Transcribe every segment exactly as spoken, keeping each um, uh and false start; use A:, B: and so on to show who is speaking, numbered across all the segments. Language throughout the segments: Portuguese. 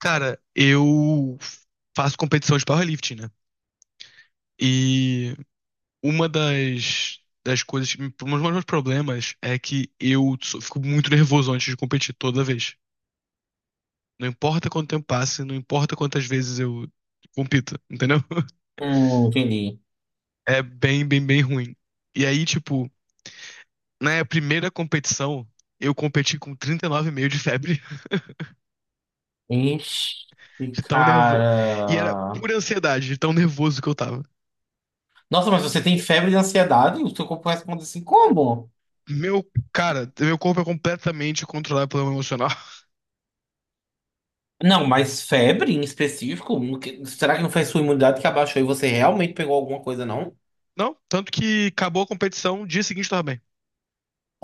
A: Cara, eu faço competição de powerlifting, né? E uma das, das coisas, que me- um dos meus problemas é que eu sou- fico muito nervoso antes de competir toda vez. Não importa quanto tempo passe, não importa quantas vezes eu compito, entendeu?
B: Hum, entendi.
A: É bem, bem, bem ruim. E aí, tipo, na primeira competição, eu competi com trinta e nove vírgula cinco de febre,
B: Ixi,
A: de tão nervoso. E era
B: cara.
A: pura ansiedade, de tão nervoso que eu tava.
B: Nossa, mas você tem febre de ansiedade? O seu corpo responde assim, como?
A: Meu, cara, meu corpo é completamente controlado pelo emocional.
B: Não, mas febre em específico? O que- Será que não foi sua imunidade que abaixou e você realmente pegou alguma coisa, não?
A: Não, tanto que acabou a competição, dia seguinte tava bem.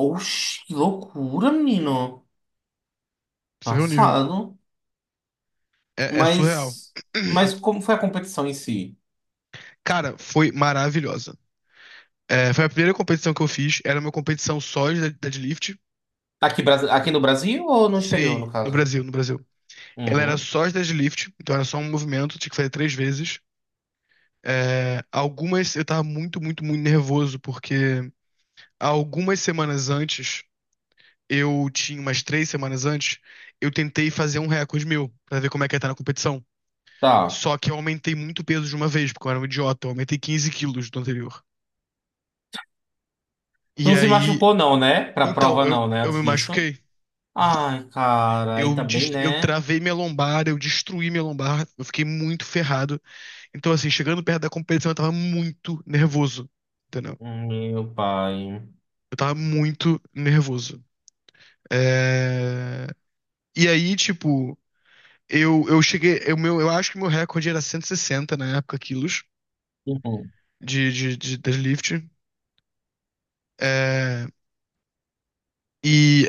B: Oxi, que loucura, menino.
A: Você vê o nível.
B: Passado.
A: É, é surreal.
B: Mas, mas como foi a competição em si?
A: Cara, foi maravilhosa. É, foi a primeira competição que eu fiz. Era uma competição só de dead- deadlift.
B: Aqui, Brasi- aqui no Brasil ou no exterior,
A: Sim,
B: no
A: no
B: caso?
A: Brasil, no Brasil. Ela era
B: Uhum.
A: só de deadlift, então era só um movimento, tinha que fazer três vezes. É, algumas eu tava muito, muito, muito nervoso, porque algumas semanas antes eu tinha umas três semanas antes, eu tentei fazer um recorde meu, pra ver como é que ia estar na competição.
B: Tá.
A: Só que eu aumentei muito o peso de uma vez, porque eu era um idiota, eu aumentei quinze quilos do anterior.
B: Tu
A: E
B: não se
A: aí,
B: machucou, não, né? Pra
A: então,
B: prova,
A: eu,
B: não, né?
A: eu
B: Antes
A: me
B: disso.
A: machuquei.
B: Ai, cara, aí
A: Eu,
B: também,
A: dest- eu
B: né?
A: travei minha lombar, eu destruí minha lombar, eu fiquei muito ferrado. Então, assim, chegando perto da competição, eu tava muito nervoso, entendeu?
B: Meu pai.
A: Eu tava muito nervoso. É... E aí, tipo, eu, eu cheguei, eu, meu, eu acho que meu recorde era cento e sessenta na época, quilos. de, de, de deadlift. É, e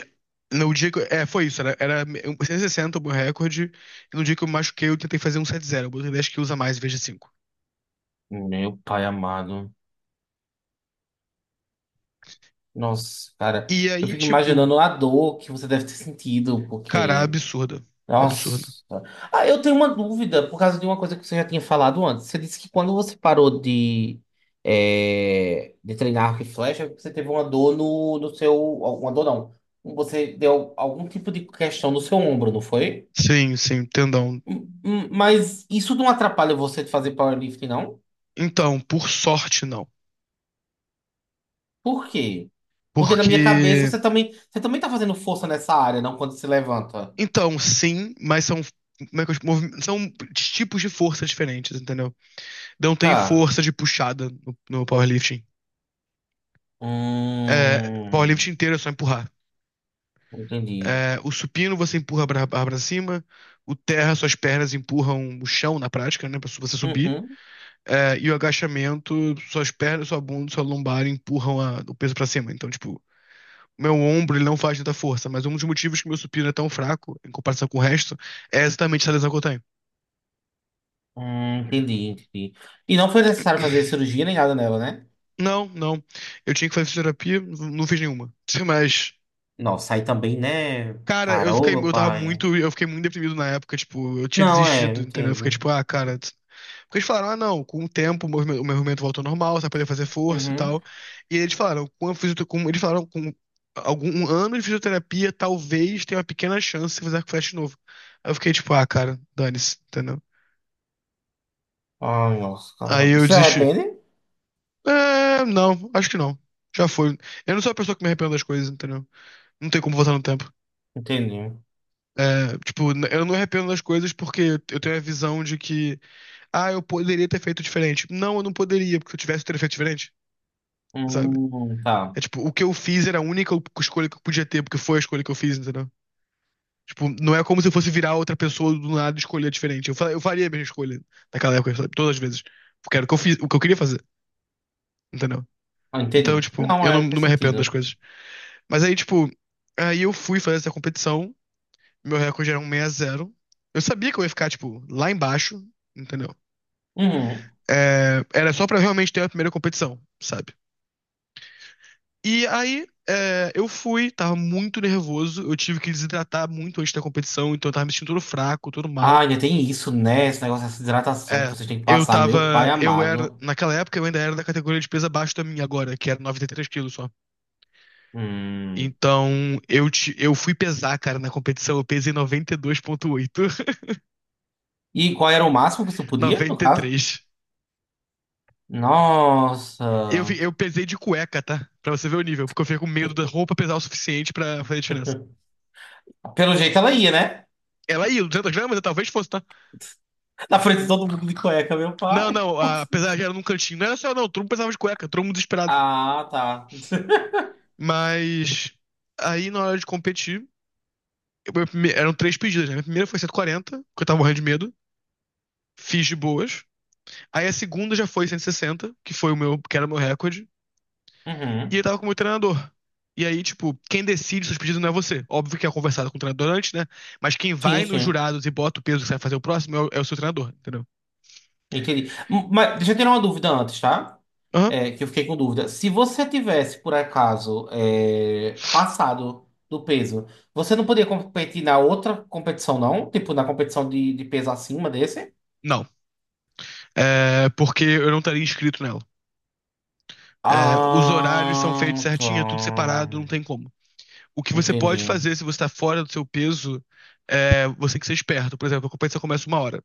A: no dia que. eu- É, foi isso. Era, era cento e sessenta o meu recorde. E no dia que eu me machuquei, eu tentei fazer um cento e setenta. Eu botei dez quilos a mais em vez de cinco.
B: Uhum. Meu pai amado. Nossa, cara,
A: E
B: eu
A: aí,
B: fico
A: tipo,
B: imaginando a dor que você deve ter sentido,
A: cara,
B: porque.
A: absurda.
B: Nossa.
A: Absurda.
B: Ah, eu tenho uma dúvida por causa de uma coisa que você já tinha falado antes. Você disse que quando você parou de, é, de treinar arco e flecha, você teve uma dor no, no seu. Uma dor não. Você deu algum tipo de questão no seu ombro, não foi?
A: Sim, sim, tendão.
B: Hum, hum, Mas isso não atrapalha você de fazer powerlifting, não?
A: Então, por sorte, não.
B: Por quê? Porque na minha cabeça
A: Porque.
B: você também, você também tá fazendo força nessa área, não? Quando se levanta.
A: Então, sim, mas são. Como é que eu, movi- São tipos de força diferentes, entendeu? Não tem
B: Tá.
A: força de puxada no, no powerlifting. É, powerlifting
B: Hum,
A: inteiro é só empurrar.
B: entendi.
A: É, o supino você empurra a barra para cima. O terra, suas pernas empurram o chão na prática, né? Pra su- você subir.
B: Uhum.
A: É, e o agachamento, suas pernas, sua bunda, sua lombar empurram a- o peso pra cima. Então, tipo, o meu ombro ele não faz tanta força, mas um dos motivos que meu supino é tão fraco em comparação com o resto é exatamente essa lesão que eu tenho.
B: Hum, entendi, entendi. E não foi necessário fazer cirurgia nem nada nela, né?
A: Não, não. Eu tinha que fazer fisioterapia, n- não fiz nenhuma. Mas,
B: Nossa, aí também, né?
A: cara, eu
B: Cara, ô
A: fiquei,
B: meu
A: eu tava
B: pai.
A: muito, eu fiquei muito deprimido na época, tipo, eu tinha
B: Não, é,
A: desistido, entendeu? Eu fiquei
B: entendo.
A: tipo, ah, cara. Porque eles falaram, ah, não, com o tempo o meu o meu movimento voltou ao normal, você vai poder fazer força e
B: Uhum.
A: tal. E eles falaram, com a fisio- com- eles falaram, com algum um ano de fisioterapia, talvez tenha uma pequena chance de fazer arco e flecha de novo. Aí eu fiquei tipo, ah, cara, dane-se, entendeu?
B: Ai, nossa, cara.
A: Aí eu
B: Você se
A: desisti.
B: arrepende?
A: É, não, acho que não. Já foi. Eu não sou a pessoa que me arrependo das coisas, entendeu? Não tem como voltar no tempo.
B: Entendi.
A: É, tipo, n- eu não me arrependo das coisas porque eu tenho a visão de que, ah, eu poderia ter feito diferente. Não, eu não poderia, porque se eu tivesse, eu teria feito diferente, sabe?
B: Hum, tá.
A: É tipo, o que eu fiz era a única escolha que eu podia ter, porque foi a escolha que eu fiz, entendeu? Tipo, não é como se eu fosse virar outra pessoa do nada e escolher diferente. Eu, fa- eu faria a mesma escolha naquela época, sabe? Todas as vezes. Porque era o que eu fiz, o que eu queria fazer, entendeu?
B: Ah,
A: Então,
B: entendi.
A: tipo,
B: Não,
A: eu não,
B: é,
A: não
B: faz
A: me arrependo das
B: sentido.
A: coisas. Mas aí, tipo, aí eu fui fazer essa competição, meu recorde era um seis a zero. Eu sabia que eu ia ficar, tipo, lá embaixo, entendeu?
B: Uhum.
A: É, era só pra realmente ter a primeira competição, sabe? E aí, é, eu fui, tava muito nervoso, eu tive que desidratar muito antes da competição, então eu tava me sentindo todo fraco, todo
B: Ah,
A: mal.
B: ainda tem isso, né? Esse negócio dessa hidratação que
A: É,
B: vocês têm que
A: eu
B: passar, meu
A: tava,
B: pai
A: eu era,
B: amado.
A: naquela época eu ainda era da categoria de peso abaixo da minha agora, que era noventa e três quilos só.
B: Hum.
A: Então, eu, te, eu fui pesar, cara, na competição, eu pesei noventa e dois vírgula oito,
B: E qual era o máximo que tu podia, no caso?
A: noventa e três. Eu, vi-
B: Nossa.
A: eu pesei de cueca, tá? Pra você ver o nível, porque eu fiquei com medo da roupa pesar o suficiente pra fazer diferença.
B: Pelo jeito ela ia, né?
A: Ela ia, duzentos gramas, eu talvez fosse, tá?
B: Na frente de todo mundo de cueca, meu
A: Não,
B: pai.
A: não, a-
B: Nossa.
A: apesar de era num cantinho. Não era só, não, todo mundo precisava de cueca, todo mundo desesperado.
B: Ah, tá.
A: Mas aí na hora de competir, eu- meu prime- eram três pedidas, né? Minha primeira foi cento e quarenta, porque eu tava morrendo de medo, fiz de boas. Aí a segunda já foi cento e sessenta, que foi o meu, que era o meu recorde, e eu
B: Uhum.
A: tava com o meu treinador. E aí, tipo, quem decide seus pedidos não é você. Óbvio que é conversado com o treinador antes, né? Mas quem
B: Sim,
A: vai nos
B: sim.
A: jurados e bota o peso que você vai fazer o próximo é o, é o seu treinador, entendeu?
B: Entendi. M- Mas deixa eu tirar uma dúvida antes, tá?
A: Aham.
B: É, que eu fiquei com dúvida. Se você tivesse, por acaso, é, passado do peso, você não poderia competir na outra competição, não? Tipo, na competição de, de peso acima desse?
A: Não. É porque eu não estaria inscrito nela. É, os horários são
B: Ah,
A: feitos
B: tá.
A: certinho, é tudo separado, não tem como. O que você
B: Entendi.
A: pode fazer se você está fora do seu peso, é, você tem que ser esperto. Por exemplo, a competição começa uma hora,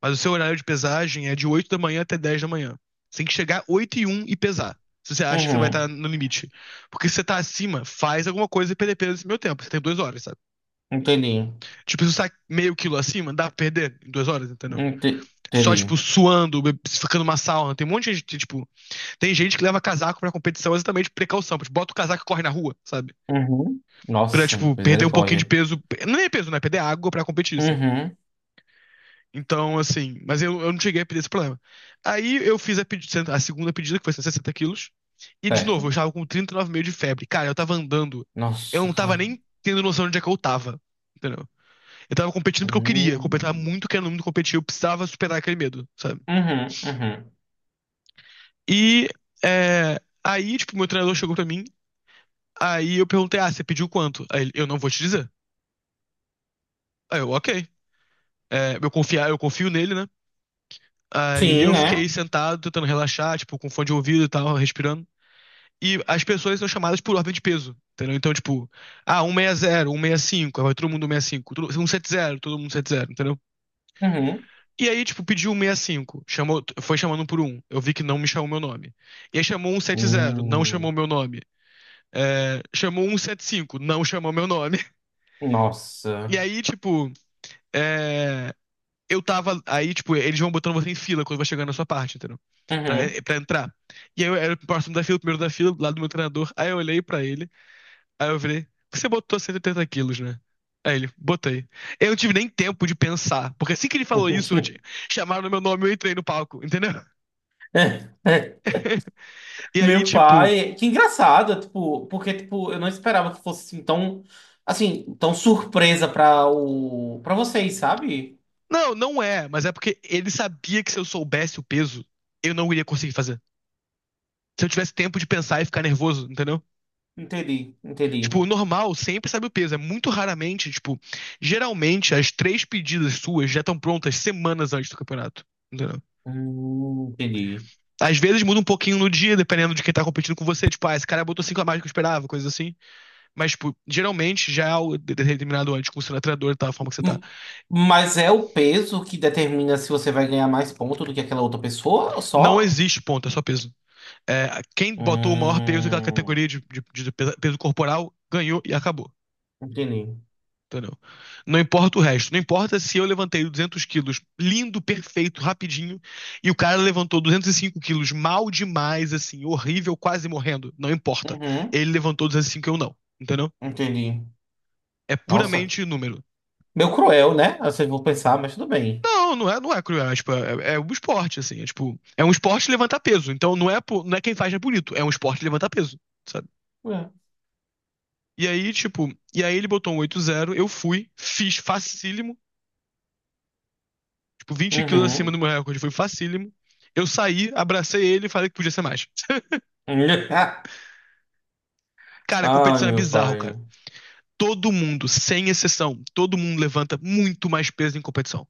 A: mas o seu horário de pesagem é de oito da manhã até dez da manhã. Você tem que chegar oito e um e pesar, se você acha que você vai estar
B: Uhum.
A: no limite. Porque se você está acima, faz alguma coisa e perder peso nesse meio tempo. Você tem duas horas, sabe?
B: Entendi.
A: Tipo, se você está meio quilo acima, dá pra perder em duas horas, entendeu?
B: Ente-
A: Só, tipo,
B: Entendi.
A: suando, ficando uma sauna. Tem um monte de gente, tipo, tem gente que leva casaco pra competição exatamente por precaução. Tipo, bota o casaco e corre na rua, sabe?
B: Uhum.
A: Pra,
B: Nossa,
A: tipo, perder um pouquinho de
B: misericórdia.
A: peso. Não é peso, né? Perder água pra competir, sabe?
B: Uhum.
A: Então, assim. Mas eu, eu não cheguei a pedir esse problema. Aí eu fiz a, pedi- a segunda pedida, que foi sessenta quilos. E, de novo, eu
B: Certo.
A: estava com trinta e nove vírgula cinco de febre. Cara, eu tava andando. Eu
B: Nossa,
A: não tava
B: cara.
A: nem tendo noção de onde é que eu tava. Entendeu? Eu tava competindo porque eu queria. Eu tava
B: Hum.
A: muito querendo muito competir. Eu precisava superar aquele medo, sabe?
B: Uhum, uhum.
A: E. É... Aí, tipo, meu treinador chegou pra mim. Aí eu perguntei, ah, você pediu quanto? Aí ele, eu não vou te dizer. Aí eu, ok. É, eu confiar, eu confio nele, né? Aí
B: Sim,
A: eu
B: né?
A: fiquei sentado, tentando relaxar, tipo, com fone de ouvido e tal, respirando. E as pessoas são chamadas por ordem de peso, entendeu? Então, tipo, ah, cento e sessenta, cento e sessenta e cinco, aí vai todo mundo cento e sessenta e cinco, todo- cento e setenta, todo mundo cento e setenta, entendeu?
B: Uhum.
A: E aí, tipo, pediu cento e sessenta e cinco, chamou, foi chamando um por um, eu vi que não me chamou meu nome. E aí chamou cento e setenta, não chamou
B: Hum.
A: meu nome. É, chamou cento e setenta e cinco, não chamou meu nome. E
B: Nossa.
A: aí, tipo, é, eu tava. Aí, tipo, eles vão botando você em fila quando vai chegando na sua parte, entendeu? Pra,
B: Uhum.
A: eh, pra entrar. E aí eu era o próximo da fila, o primeiro da fila, lá do meu treinador. Aí eu olhei pra ele, aí eu falei, você botou cento e oitenta quilos, né? Aí ele, botei. Eu não tive nem tempo de pensar, porque assim que ele falou isso, eu te... chamaram meu nome e eu entrei no palco, entendeu? E aí,
B: Meu
A: tipo,
B: pai, que engraçado, tipo, porque tipo, eu não esperava que fosse assim, tão assim, tão surpresa para o para vocês, sabe?
A: não, não é, mas é porque ele sabia que se eu soubesse o peso, eu não iria conseguir fazer. Se eu tivesse tempo de pensar e ficar nervoso, entendeu?
B: Entendi, entendi.
A: Tipo, o normal sempre sabe o peso. É muito raramente, tipo, geralmente as três pedidas suas já estão prontas semanas antes do campeonato. Entendeu?
B: Hum, entendi.
A: Às vezes muda um pouquinho no dia, dependendo de quem tá competindo com você. Tipo, ah, esse cara botou cinco a mais do que eu esperava, coisa assim. Mas, tipo, geralmente já é algo determinado antes, com o seu treinador e tal, a forma que você tá.
B: Hum, Mas é o peso que determina se você vai ganhar mais ponto do que aquela outra pessoa,
A: Não
B: só?
A: existe ponto, é só peso. É, quem botou o maior peso naquela
B: Hum,
A: categoria de, de- de peso corporal ganhou e acabou.
B: entendi.
A: Entendeu? Não importa o resto. Não importa se eu levantei duzentos quilos lindo, perfeito, rapidinho, e o cara levantou duzentos e cinco quilos mal demais, assim, horrível, quase morrendo. Não importa.
B: Uhum,
A: Ele levantou duzentos e cinco e cinco e eu não. Entendeu?
B: entendi.
A: É
B: Nossa.
A: puramente número.
B: Meio cruel, né? Vocês vão pensar, mas tudo bem.
A: Não, não é, não é cruel. É, tipo, é, é um esporte, assim. É, tipo, é um esporte levantar peso. Então não é, po- não é quem faz é bonito. É um esporte levantar peso, sabe?
B: É.
A: E aí, tipo, e aí ele botou um oito zero, eu fui, fiz facílimo. Tipo, vinte quilos acima do
B: Uhum.
A: meu recorde. Foi facílimo. Eu saí, abracei ele e falei que podia ser mais. Cara, a
B: Ai,
A: competição é
B: meu
A: bizarro, cara.
B: pai.
A: Todo mundo, sem exceção, todo mundo levanta muito mais peso em competição.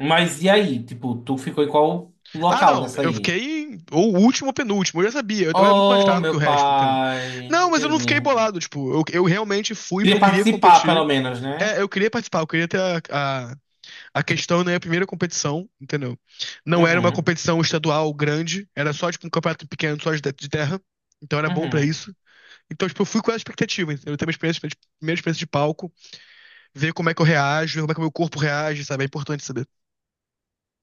B: Mas e aí? Tipo, tu ficou em qual
A: Ah,
B: local
A: não,
B: nessa
A: eu
B: aí?
A: fiquei em- ou último ou penúltimo, eu já sabia, eu era muito mais
B: Oh,
A: fraco que o
B: meu
A: resto, entendeu?
B: pai.
A: Não, mas eu não
B: Entendi.
A: fiquei bolado, tipo, eu, eu realmente fui porque
B: Queria
A: eu queria
B: participar, pelo
A: competir.
B: menos, né?
A: É, eu queria participar, eu queria ter a, a, a questão né minha primeira competição, entendeu? Não era uma
B: Uhum.
A: competição estadual grande, era só tipo um campeonato pequeno, só de, de terra, então era bom pra
B: Uhum.
A: isso. Então, tipo, eu fui com essa expectativa, entendeu? Eu tenho uma experiência, tipo, primeira experiência de palco, ver como é que eu reajo, ver como é que o meu corpo reage, sabe? É importante saber.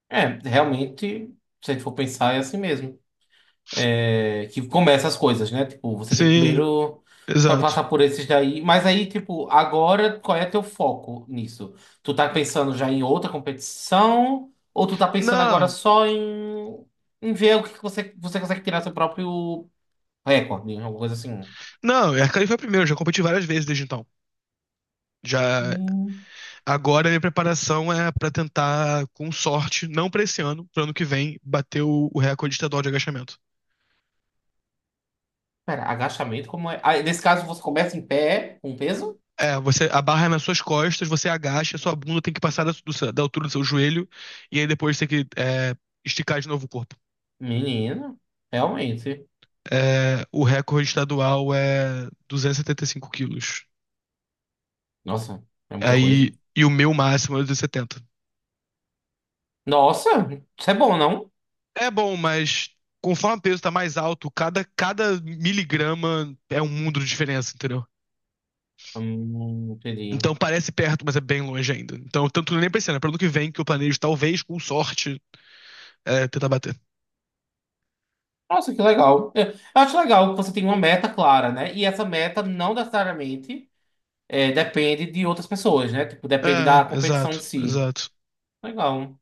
B: É, realmente, se a gente for pensar, é assim mesmo. É, que começa as coisas, né? Tipo, você tem que
A: Sim,
B: primeiro pa-
A: exato.
B: passar por esses daí. Mas aí, tipo, agora qual é teu foco nisso? Tu tá pensando já em outra competição? Ou tu tá pensando agora
A: Não,
B: só em, em ver o que que você, você consegue tirar seu próprio recorde, né? Alguma coisa assim?
A: não, a Cali foi a primeira, eu já competi várias vezes desde então. Já
B: Hum,
A: agora a minha preparação é pra tentar, com sorte, não pra esse ano, pro ano que vem, bater o, o recorde estadual de agachamento.
B: pera, agachamento como é? Ah, nesse caso, você começa em pé com peso?
A: É, você a barra é nas suas costas, você agacha, sua bunda tem que passar da, do- da altura do seu joelho, e aí depois tem que é, esticar de novo o corpo.
B: Menino, realmente.
A: É, o recorde estadual é duzentos e setenta e cinco quilos.
B: Nossa, é muita coisa.
A: Aí, e o meu máximo é duzentos e setenta.
B: Nossa, isso é bom, não?
A: É bom, mas conforme o peso tá mais alto, cada, cada miligrama é um mundo de diferença, entendeu?
B: Hum, entendi.
A: Então parece perto, mas é bem longe ainda. Então, tanto nem pensando, é para ano que vem que eu planejo, talvez, com sorte, é, tentar bater.
B: Nossa, que legal. É, eu acho legal que você tem uma meta clara, né? E essa meta não necessariamente é, depende de outras pessoas, né? Tipo, depende
A: É,
B: da competição em
A: exato,
B: si.
A: exato.
B: Legal.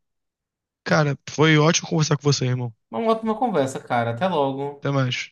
A: Cara, foi ótimo conversar com você, irmão.
B: Uma ótima conversa, cara. Até logo.
A: Até mais.